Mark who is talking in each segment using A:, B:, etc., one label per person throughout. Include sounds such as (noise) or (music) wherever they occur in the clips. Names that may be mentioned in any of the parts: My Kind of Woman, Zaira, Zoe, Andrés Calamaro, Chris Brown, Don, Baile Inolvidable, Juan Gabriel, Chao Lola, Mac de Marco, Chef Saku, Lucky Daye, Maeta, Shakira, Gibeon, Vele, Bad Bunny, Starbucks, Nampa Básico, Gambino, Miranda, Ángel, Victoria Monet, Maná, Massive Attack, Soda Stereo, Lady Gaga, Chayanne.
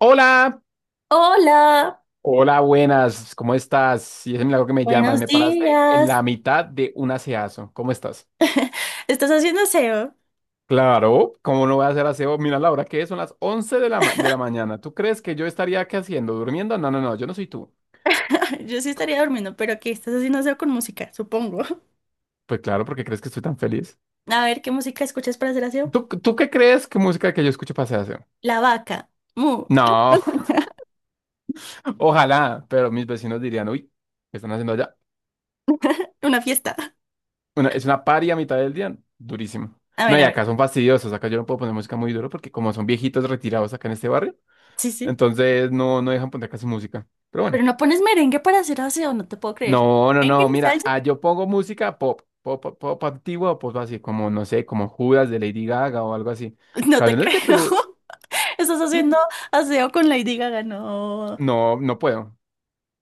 A: Hola,
B: Hola,
A: hola, buenas, ¿cómo estás? Y es milagro que me llamas,
B: buenos
A: me paraste en
B: días.
A: la mitad de un aseazo, ¿cómo estás?
B: ¿Estás haciendo aseo?
A: Claro, ¿cómo no voy a hacer aseo? Mira la hora que es, son las 11 de la, de la mañana. ¿Tú crees que yo estaría qué haciendo? ¿Durmiendo? No, no, no, yo no soy tú.
B: (laughs) Yo sí estaría durmiendo, pero ¿qué estás haciendo aseo con música? Supongo. (laughs)
A: Pues claro, porque crees que estoy tan feliz.
B: A ver, ¿qué música escuchas para hacer aseo?
A: ¿Tú qué crees que música que yo escucho para hacer aseo?
B: La vaca. Mu.
A: No, (laughs) ojalá, pero mis vecinos dirían, uy, ¿qué están haciendo allá?
B: (laughs) Una fiesta.
A: Es una paria a mitad del día, durísimo.
B: A
A: No,
B: ver,
A: y
B: a ver.
A: acá son fastidiosos, acá yo no puedo poner música muy duro porque como son viejitos retirados acá en este barrio,
B: Sí, sí.
A: entonces no, no dejan poner casi música. Pero
B: Pero
A: bueno.
B: no pones merengue para hacer aseo, no te puedo creer.
A: No, no,
B: ¿Merengue
A: no.
B: ni
A: Mira,
B: salsa?
A: yo pongo música pop, pop, pop, pop antiguo o pop así, como, no sé, como Judas de Lady Gaga o algo así.
B: (laughs) No te
A: Canciones que
B: creo.
A: tú.
B: (laughs) Estás haciendo aseo con Lady Gaga, no.
A: No, no puedo.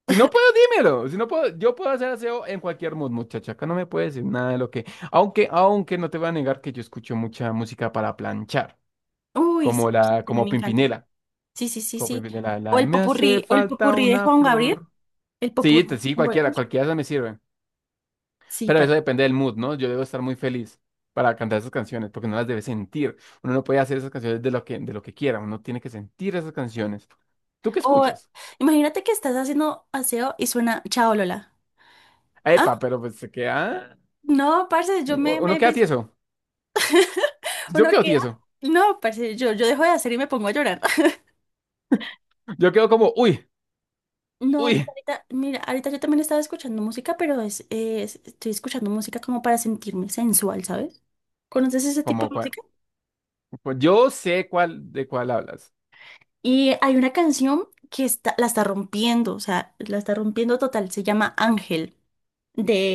A: Si no puedo, dímelo. Si no puedo, yo puedo hacer aseo en cualquier mood, muchacha. Acá no me puedes decir nada de lo que. Aunque, aunque no te voy a negar que yo escucho mucha música para planchar.
B: Uy, sí,
A: Como la,
B: a mí
A: como
B: me encanta.
A: Pimpinela.
B: Sí, sí, sí,
A: Como
B: sí.
A: Pimpinela,
B: O
A: la de,
B: el
A: me hace
B: popurrí, o el
A: falta
B: popurrí de
A: una
B: Juan Gabriel.
A: flor.
B: El
A: Sí,
B: popurrí
A: te-
B: de
A: sí,
B: Juan Gabriel.
A: cualquiera,
B: Uf,
A: cualquiera de esas me sirve.
B: sí.
A: Pero eso depende del mood, ¿no? Yo debo estar muy feliz para cantar esas canciones, porque no las debe sentir. Uno no puede hacer esas canciones de lo que quiera, uno tiene que sentir esas canciones. ¿Tú qué
B: O
A: escuchas?
B: imagínate que estás haciendo aseo y suena Chao Lola. Ah,
A: Epa, pero pues se queda...
B: no, parce, yo me,
A: Uno
B: me,
A: queda
B: me-
A: tieso. Yo
B: uno
A: quedo
B: queda.
A: tieso.
B: No, parce, yo dejo de hacer y me pongo a llorar. (laughs)
A: Yo quedo como, uy,
B: No, pues
A: uy.
B: ahorita, mira, ahorita yo también estaba escuchando música, pero estoy escuchando música como para sentirme sensual, ¿sabes? ¿Conoces ese tipo
A: Como
B: de
A: cuál.
B: música?
A: Pues yo sé cuál de cuál hablas.
B: Y hay una canción que está, la está rompiendo, o sea, la está rompiendo total, se llama Ángel.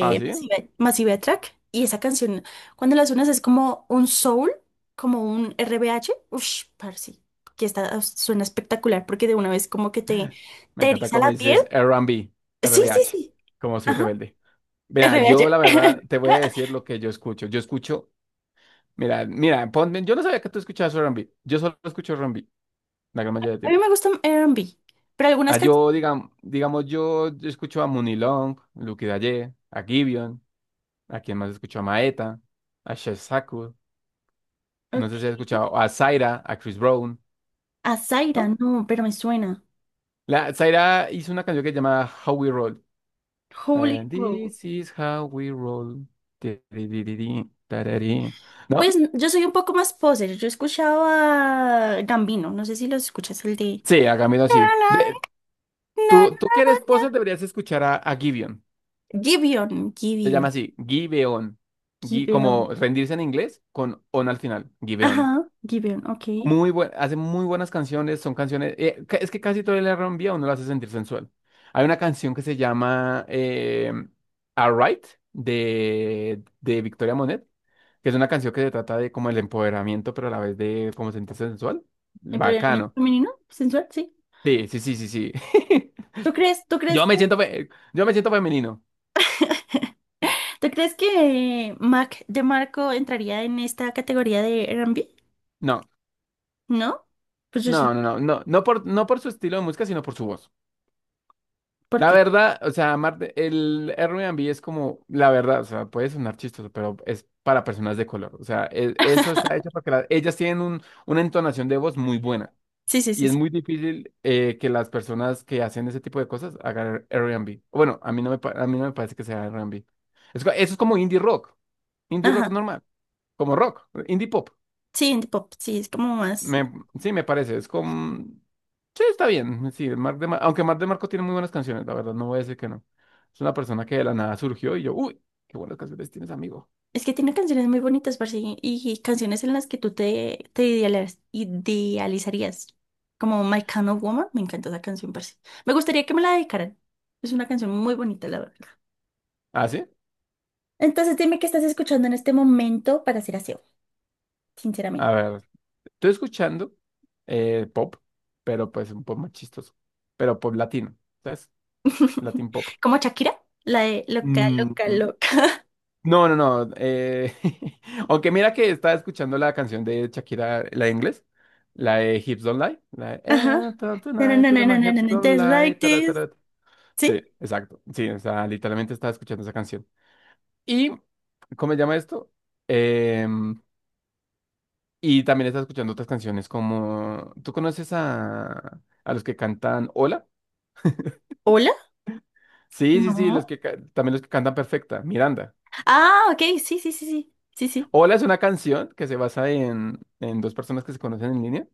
A: Ah, sí.
B: Massive Attack. Y esa canción, cuando las suenas es como un soul, como un RBH. Ush, parce, que está, suena espectacular porque de una vez como que te,
A: Me
B: te
A: encanta
B: eriza
A: cómo
B: la piel.
A: dices
B: Sí,
A: R&B,
B: sí,
A: H,
B: sí.
A: como soy
B: Ajá,
A: rebelde. Mira, yo
B: RBH.
A: la verdad
B: (laughs)
A: te voy a decir lo que yo escucho. Yo escucho. Mira, mira, ponme, yo no sabía que tú escuchabas R&B. Yo solo escucho R&B la gran mayoría del
B: A mí
A: tiempo.
B: me gusta R&B, pero
A: Ah,
B: algunas canciones.
A: yo, digamos, digamos, yo escucho a Mooney Long, Lucky Daye, a Gibeon, a quien más escucho a Maeta, a Chef Saku, no sé si has
B: Ok.
A: escuchado a Zaira, a Chris Brown,
B: A Zaira,
A: ¿no?
B: no, pero me suena.
A: La, Zaira hizo una canción que se llama How We Roll.
B: Holy Road.
A: This is how we roll. Ti, ri, ri, ri, ri, tarari. ¿No?
B: Pues yo soy un poco más poser. Yo escuchaba Gambino, no sé si lo escuchas, el de.
A: Sí, hagámoslo así. Tú que eres poser deberías escuchar a Gibeon.
B: Gibeon,
A: Se llama
B: Gibeon,
A: así, Give On.
B: Gibeon.
A: Como rendirse en inglés con on al final, Give On.
B: Ajá, Gibeon, ok.
A: Muy buen, hace muy buenas canciones, son canciones. Es que casi todo el R&B a uno lo hace sentir sensual. Hay una canción que se llama Alright, de Victoria Monet, que es una canción que se trata de como el empoderamiento, pero a la vez de como sentirse sensual.
B: Empoderamiento
A: Bacano.
B: femenino, sensual, sí.
A: Sí, sí, sí, sí, sí. (laughs)
B: ¿Tú crees, tú crees
A: Yo me
B: que,
A: siento, fe- yo me siento femenino.
B: tú crees que Mac de Marco entraría en esta categoría de R&B?
A: No,
B: ¿No? Pues yo sí.
A: no, no, no, no, no por su estilo de música, sino por su voz.
B: ¿Por
A: La
B: qué?
A: verdad, o sea, Marte, el Airbnb es como, la verdad, o sea, puede sonar chistoso, pero es para personas de color. O sea, eso está hecho para que ellas tienen un, una entonación de voz muy buena.
B: Sí, sí, sí,
A: Y es
B: sí.
A: muy difícil que las personas que hacen ese tipo de cosas hagan Airbnb. Bueno, a mí no me parece que sea Airbnb. Eso es como indie rock
B: Ajá.
A: normal, como rock, indie pop.
B: Sí, indie pop, sí, es como más.
A: Me, sí, me parece, es como... Sí, está bien. Sí, aunque Marc de Marco tiene muy buenas canciones, la verdad, no voy a decir que no. Es una persona que de la nada surgió y yo, uy, qué buenas canciones tienes, amigo.
B: Es que tiene canciones muy bonitas, parce, y canciones en las que tú te idealizarías. Como My Kind of Woman, me encanta esa canción, parce. Me gustaría que me la dedicaran. Es una canción muy bonita, la verdad.
A: ¿Ah, sí?
B: Entonces dime qué estás escuchando en este momento para ser aseo, sinceramente.
A: A ver, estoy escuchando pop, pero pues un pop más chistoso, pero pop latino, ¿sabes?
B: (laughs)
A: Latin pop.
B: Como Shakira, la de loca,
A: Mm,
B: loca,
A: mm,
B: loca.
A: no, no, no. (laughs) Aunque mira que estaba escuchando la canción de Shakira, la de inglés, la de Hips Don't Lie, la de,
B: (laughs) Ajá. No, no,
A: Tonight,
B: no,
A: ta-
B: no,
A: ta- my
B: no, no, no,
A: hips
B: no,
A: don't
B: just
A: lie,
B: like
A: ta- ta-
B: this.
A: ta- ta". Sí,
B: ¿Sí?
A: exacto. Sí, o sea, literalmente estaba escuchando esa canción. Y, ¿cómo se llama esto? Em, y también estaba escuchando otras canciones como, ¿tú conoces a los que cantan Hola?
B: ¿Hola?
A: Sí, sí, sí, los
B: No.
A: que también los que cantan Perfecta, Miranda.
B: Ah, ok, sí, sí, sí, sí, sí, sí.
A: Hola es una canción que se basa en dos personas que se conocen en línea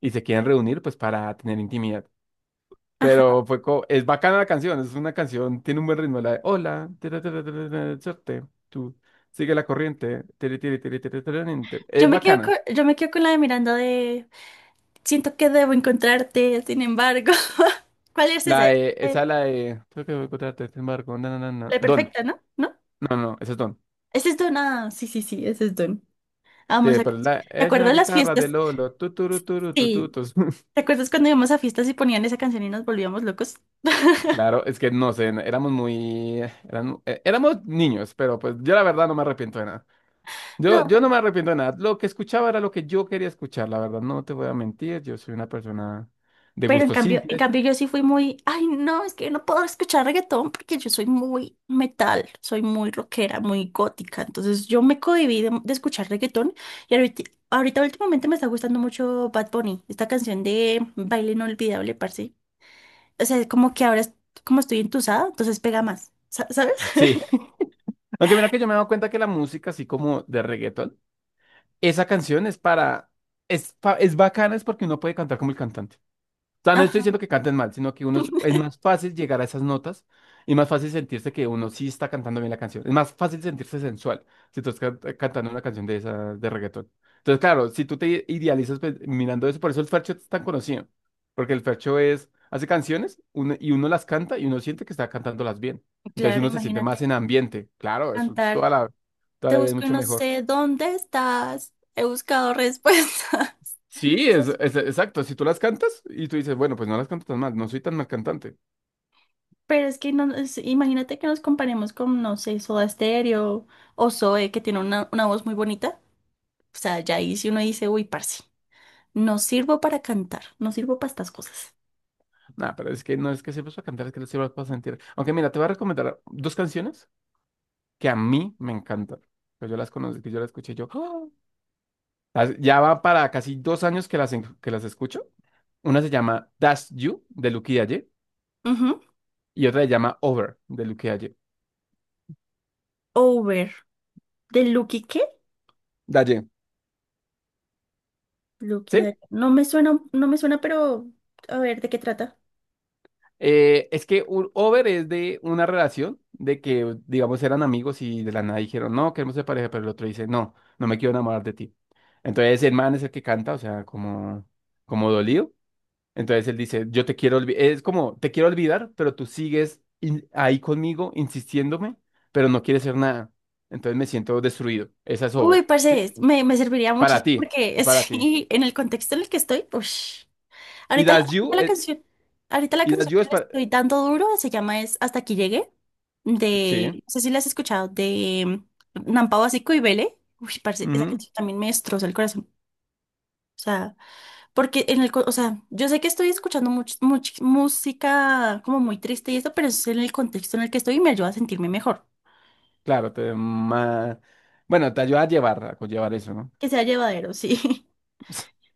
A: y se quieren reunir pues para tener intimidad.
B: Ajá.
A: Pero es bacana la canción, es una canción, tiene un buen ritmo, la de hola, tira, tira, tira, tira, suerte, tú, sigue la corriente, tiri, tiri, tiri, tiri, tira, ninte". Es
B: Yo me quedo
A: bacana.
B: con, yo me quedo con la de Miranda de siento que debo encontrarte, sin embargo. (laughs) ¿Cuál es esa?
A: La de, esa
B: De-
A: la de, creo que voy a encontrarte este embargo, na, na, na, na".
B: La
A: Don,
B: perfecta, ¿no? ¿No?
A: no, no, esa es Don.
B: Ese es Don. Ah, sí, sí, sí, ese es Don. Vamos
A: Sí,
B: a...
A: pero la,
B: ¿Te
A: es la
B: acuerdas las
A: guitarra de
B: fiestas?
A: Lolo, tu, tu, tu, tu, tu, tu,
B: Sí,
A: tu.
B: ¿te
A: (laughs)
B: acuerdas cuando íbamos a fiestas y ponían esa canción y nos volvíamos locos? (laughs)
A: Claro, es que no sé, éramos muy, éramos niños, pero pues yo la verdad no me arrepiento de nada.
B: No,
A: Yo no me arrepiento de nada. Lo que escuchaba era lo que yo quería escuchar, la verdad, no te voy a mentir. Yo soy una persona de
B: pero en
A: gustos
B: cambio, en
A: simples.
B: cambio yo sí fui muy, ay, no, es que yo no puedo escuchar reggaetón porque yo soy muy metal, soy muy rockera, muy gótica, entonces yo me cohibí de escuchar reggaetón y ahorita últimamente me está gustando mucho Bad Bunny, esta canción de Baile Inolvidable, parce. O sea, como que ahora como estoy entusada, entonces pega más, ¿sabes?
A: Sí. (laughs) Aunque mira que yo me he dado cuenta que la música, así como de reggaetón, esa canción es para, es bacana, es porque uno puede cantar como el cantante. Sea, no estoy
B: Ajá.
A: diciendo que canten mal, sino que uno es más
B: (laughs)
A: fácil llegar a esas notas y más fácil sentirse que uno sí está cantando bien la canción. Es más fácil sentirse sensual si tú estás cantando una canción de esa de reggaetón. Entonces, claro, si tú te idealizas pues, mirando eso, por eso el Fercho es tan conocido, porque el Fercho es, hace canciones y uno las canta y uno siente que está cantándolas bien. Entonces
B: Claro,
A: uno se siente
B: imagínate
A: más en ambiente. Claro, eso
B: cantar.
A: toda
B: Te
A: la vida es
B: busco y
A: mucho
B: no
A: mejor.
B: sé dónde estás. He buscado (laughs) respuestas.
A: Sí, exacto. Si tú las cantas y tú dices, bueno, pues no las canto tan mal, no soy tan mal cantante.
B: Pero es que no, imagínate que nos comparemos con, no sé, Soda Stereo o Zoe, que tiene una voz muy bonita. O sea, ya ahí si uno dice, uy, parce, no sirvo para cantar, no sirvo para estas cosas.
A: No, pero es que no es que sepas para cantar, es que sepas para sentir. Aunque mira, te voy a recomendar dos canciones que a mí me encantan. Que yo las conocí, que yo las escuché yo. ¡Ah! Ya va para casi dos años que las, que las escucho. Una se llama That's You, de Lucky Dalle,
B: Ujú.
A: y otra se llama Over, de Lucky Dalle.
B: Over. ¿De Lucky qué?
A: Dalle.
B: Lucky,
A: ¿Sí?
B: Daria. No me suena, no me suena, pero a ver, ¿de qué trata?
A: Over es de una relación de que, digamos, eran amigos y de la nada dijeron, no, queremos ser pareja, pero el otro dice, no, no me quiero enamorar de ti. Entonces el man es el que canta, o sea, como, como dolido. Entonces él dice, yo te quiero olvidar, es como, te quiero olvidar, pero tú sigues ahí conmigo, insistiéndome, pero no quieres hacer nada. Entonces me siento destruido. Esa es
B: Uy,
A: Over, ¿sí?
B: parce, me serviría
A: Para
B: muchísimo
A: ti,
B: porque
A: es
B: (laughs)
A: para ti.
B: sí, en el contexto en el que estoy, ush.
A: Y
B: Ahorita la,
A: That's You,
B: ahorita la
A: eh,
B: canción, ahorita la
A: y That's
B: canción
A: You
B: que
A: es
B: le
A: para...
B: estoy dando duro se llama es Hasta aquí llegué,
A: Sí,
B: de, no sé si la has escuchado, de Nampa Básico y Vele. Uy, parce, esa
A: ujú,
B: canción también me destroza el corazón. O sea, porque o sea, yo sé que estoy escuchando música como muy triste y esto, pero es en el contexto en el que estoy y me ayuda a sentirme mejor.
A: claro, bueno, te ayuda a llevar, a conllevar eso, ¿no?
B: Que sea llevadero, (laughs) sí.
A: (laughs)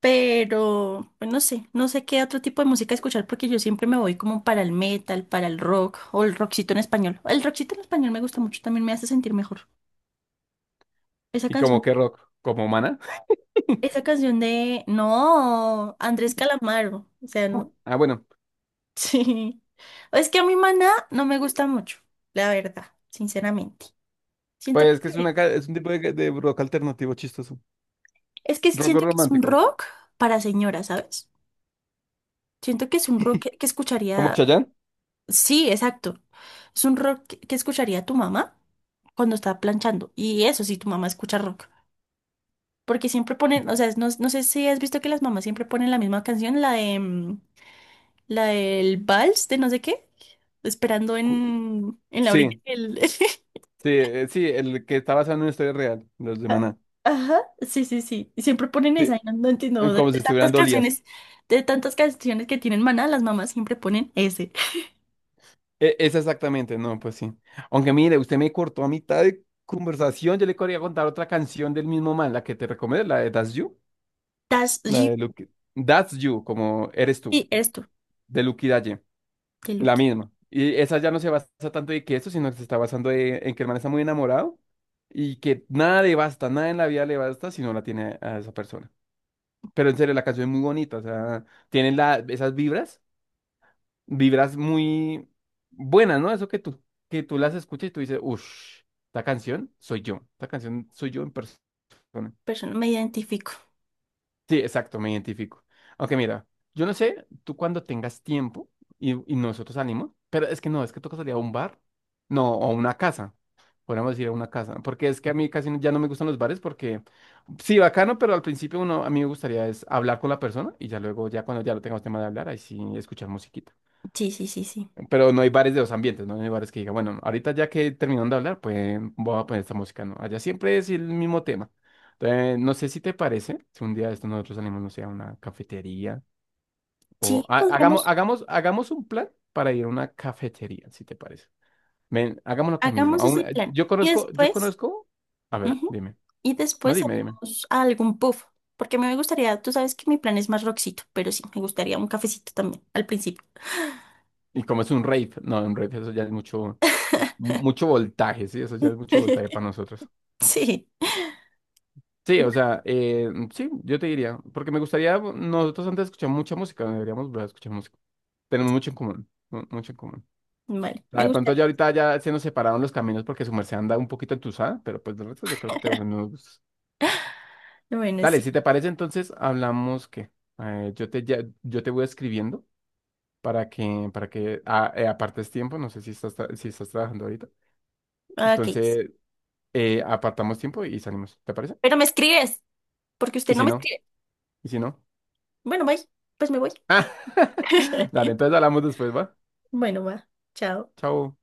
B: Pero, pues no sé, qué otro tipo de música escuchar porque yo siempre me voy como para el metal, para el rock o el rockcito en español. El rockcito en español me gusta mucho, también me hace sentir mejor. Esa
A: Y como
B: canción,
A: que rock, como mana.
B: esa canción de, no, Andrés Calamaro, o sea, no,
A: Ah, bueno,
B: (laughs) sí. Es que a mi maná no me gusta mucho, la verdad, sinceramente. Siento que,
A: pues que es, una, es un tipo de rock alternativo chistoso.
B: es que
A: Rock
B: siento que es un
A: romántico.
B: rock para señoras, ¿sabes? Siento que es un rock que
A: ¿Como
B: escucharía.
A: Chayanne?
B: Sí, exacto. Es un rock que escucharía tu mamá cuando está planchando. Y eso sí, tu mamá escucha rock. Porque siempre ponen, o sea, no, no sé si has visto que las mamás siempre ponen la misma canción, la de la del vals de no sé qué, esperando
A: Cu-
B: en la orilla
A: Sí.
B: del- (laughs)
A: Sí, sí, el que está basado en una historia real, los de
B: Ah,
A: Maná.
B: ajá, sí, sí, sí. Y siempre ponen esa, y
A: Sí,
B: no entiendo. De
A: como si
B: tantas
A: estuvieran dolías.
B: canciones, de tantas canciones, que tienen Maná, las mamás siempre ponen ese.
A: Es exactamente, no, pues sí. Aunque mire, usted me cortó a mitad de conversación, yo le quería contar otra canción del mismo man, la que te recomiendo, la de That's You,
B: That's
A: la
B: you.
A: de Lucky, That's You, como eres tú,
B: Y esto,
A: de Lucky Dalle,
B: que
A: la
B: Lucky.
A: misma. Y esa ya no se basa tanto en que eso, sino que se está en que el man está muy enamorado y que nada le basta, nada en la vida le basta si no la tiene a esa persona. Pero en serio, la canción es muy bonita, o sea tienen la, esas vibras vibras muy buenas, ¿no? Eso que tú las escuchas y tú dices, uff, esta canción soy yo, esta canción soy yo en persona.
B: Persona, me identifico.
A: Sí, exacto, me identifico. Aunque mira, yo no sé, tú cuando tengas tiempo y nosotros salimos, pero es que no, es que toca salir a un bar, no, o a una casa, podríamos ir a una casa, porque es que a mí casi no- ya no me gustan los bares porque, sí, bacano, pero al principio uno, a mí me gustaría es hablar con la persona y ya luego, ya cuando ya lo tengamos tema de hablar, ahí sí escuchar musiquita.
B: Sí, sí, sí, sí.
A: Pero no hay bares de los ambientes, ¿no? No hay bares que diga, bueno, ahorita ya que terminaron de hablar, pues voy a poner esta música, ¿no? Allá siempre es el mismo tema. Entonces, no sé si te parece, si un día de esto nosotros salimos, no sé, a una cafetería
B: Sí,
A: hagamos,
B: podríamos,
A: hagamos, hagamos un plan para ir a una cafetería, si te parece. Ven, hagámoslo acá mismo.
B: hagamos
A: Aún,
B: ese plan.
A: yo
B: Y
A: conozco, yo
B: después,
A: conozco, a ver,
B: ujú,
A: dime,
B: y
A: no
B: después
A: dime, dime.
B: salimos a algún puff. Porque me gustaría, tú sabes que mi plan es más rockcito, pero sí, me gustaría un cafecito también, al principio.
A: Y como es un rave, no, un rave, eso ya es mucho, mu- mucho voltaje, sí, eso ya es mucho voltaje
B: (laughs)
A: para nosotros.
B: Sí,
A: Sí, o sea, sí, yo te diría, porque me gustaría, nosotros antes escuchamos mucha música, deberíamos volver a escuchar música. Tenemos mucho en común, mucho en común.
B: vale,
A: O sea,
B: me
A: de pronto ya
B: gustaría.
A: ahorita ya se nos separaron los caminos porque su merced anda un poquito entusada, pero pues de resto yo creo que tenemos los gustos.
B: Bueno,
A: Dale,
B: sí.
A: si te parece, entonces hablamos que yo te voy escribiendo para que para que apartes tiempo, no sé si estás si estás trabajando ahorita.
B: Ah, ok, sí.
A: Entonces, apartamos tiempo y salimos, ¿te parece?
B: Pero me escribes, porque
A: Y
B: usted no
A: si
B: me
A: no,
B: escribe.
A: y si no.
B: Bueno, bye, pues me voy.
A: (laughs) Dale,
B: (laughs)
A: entonces hablamos después, ¿va?
B: Bueno, va. Chao.
A: Chao.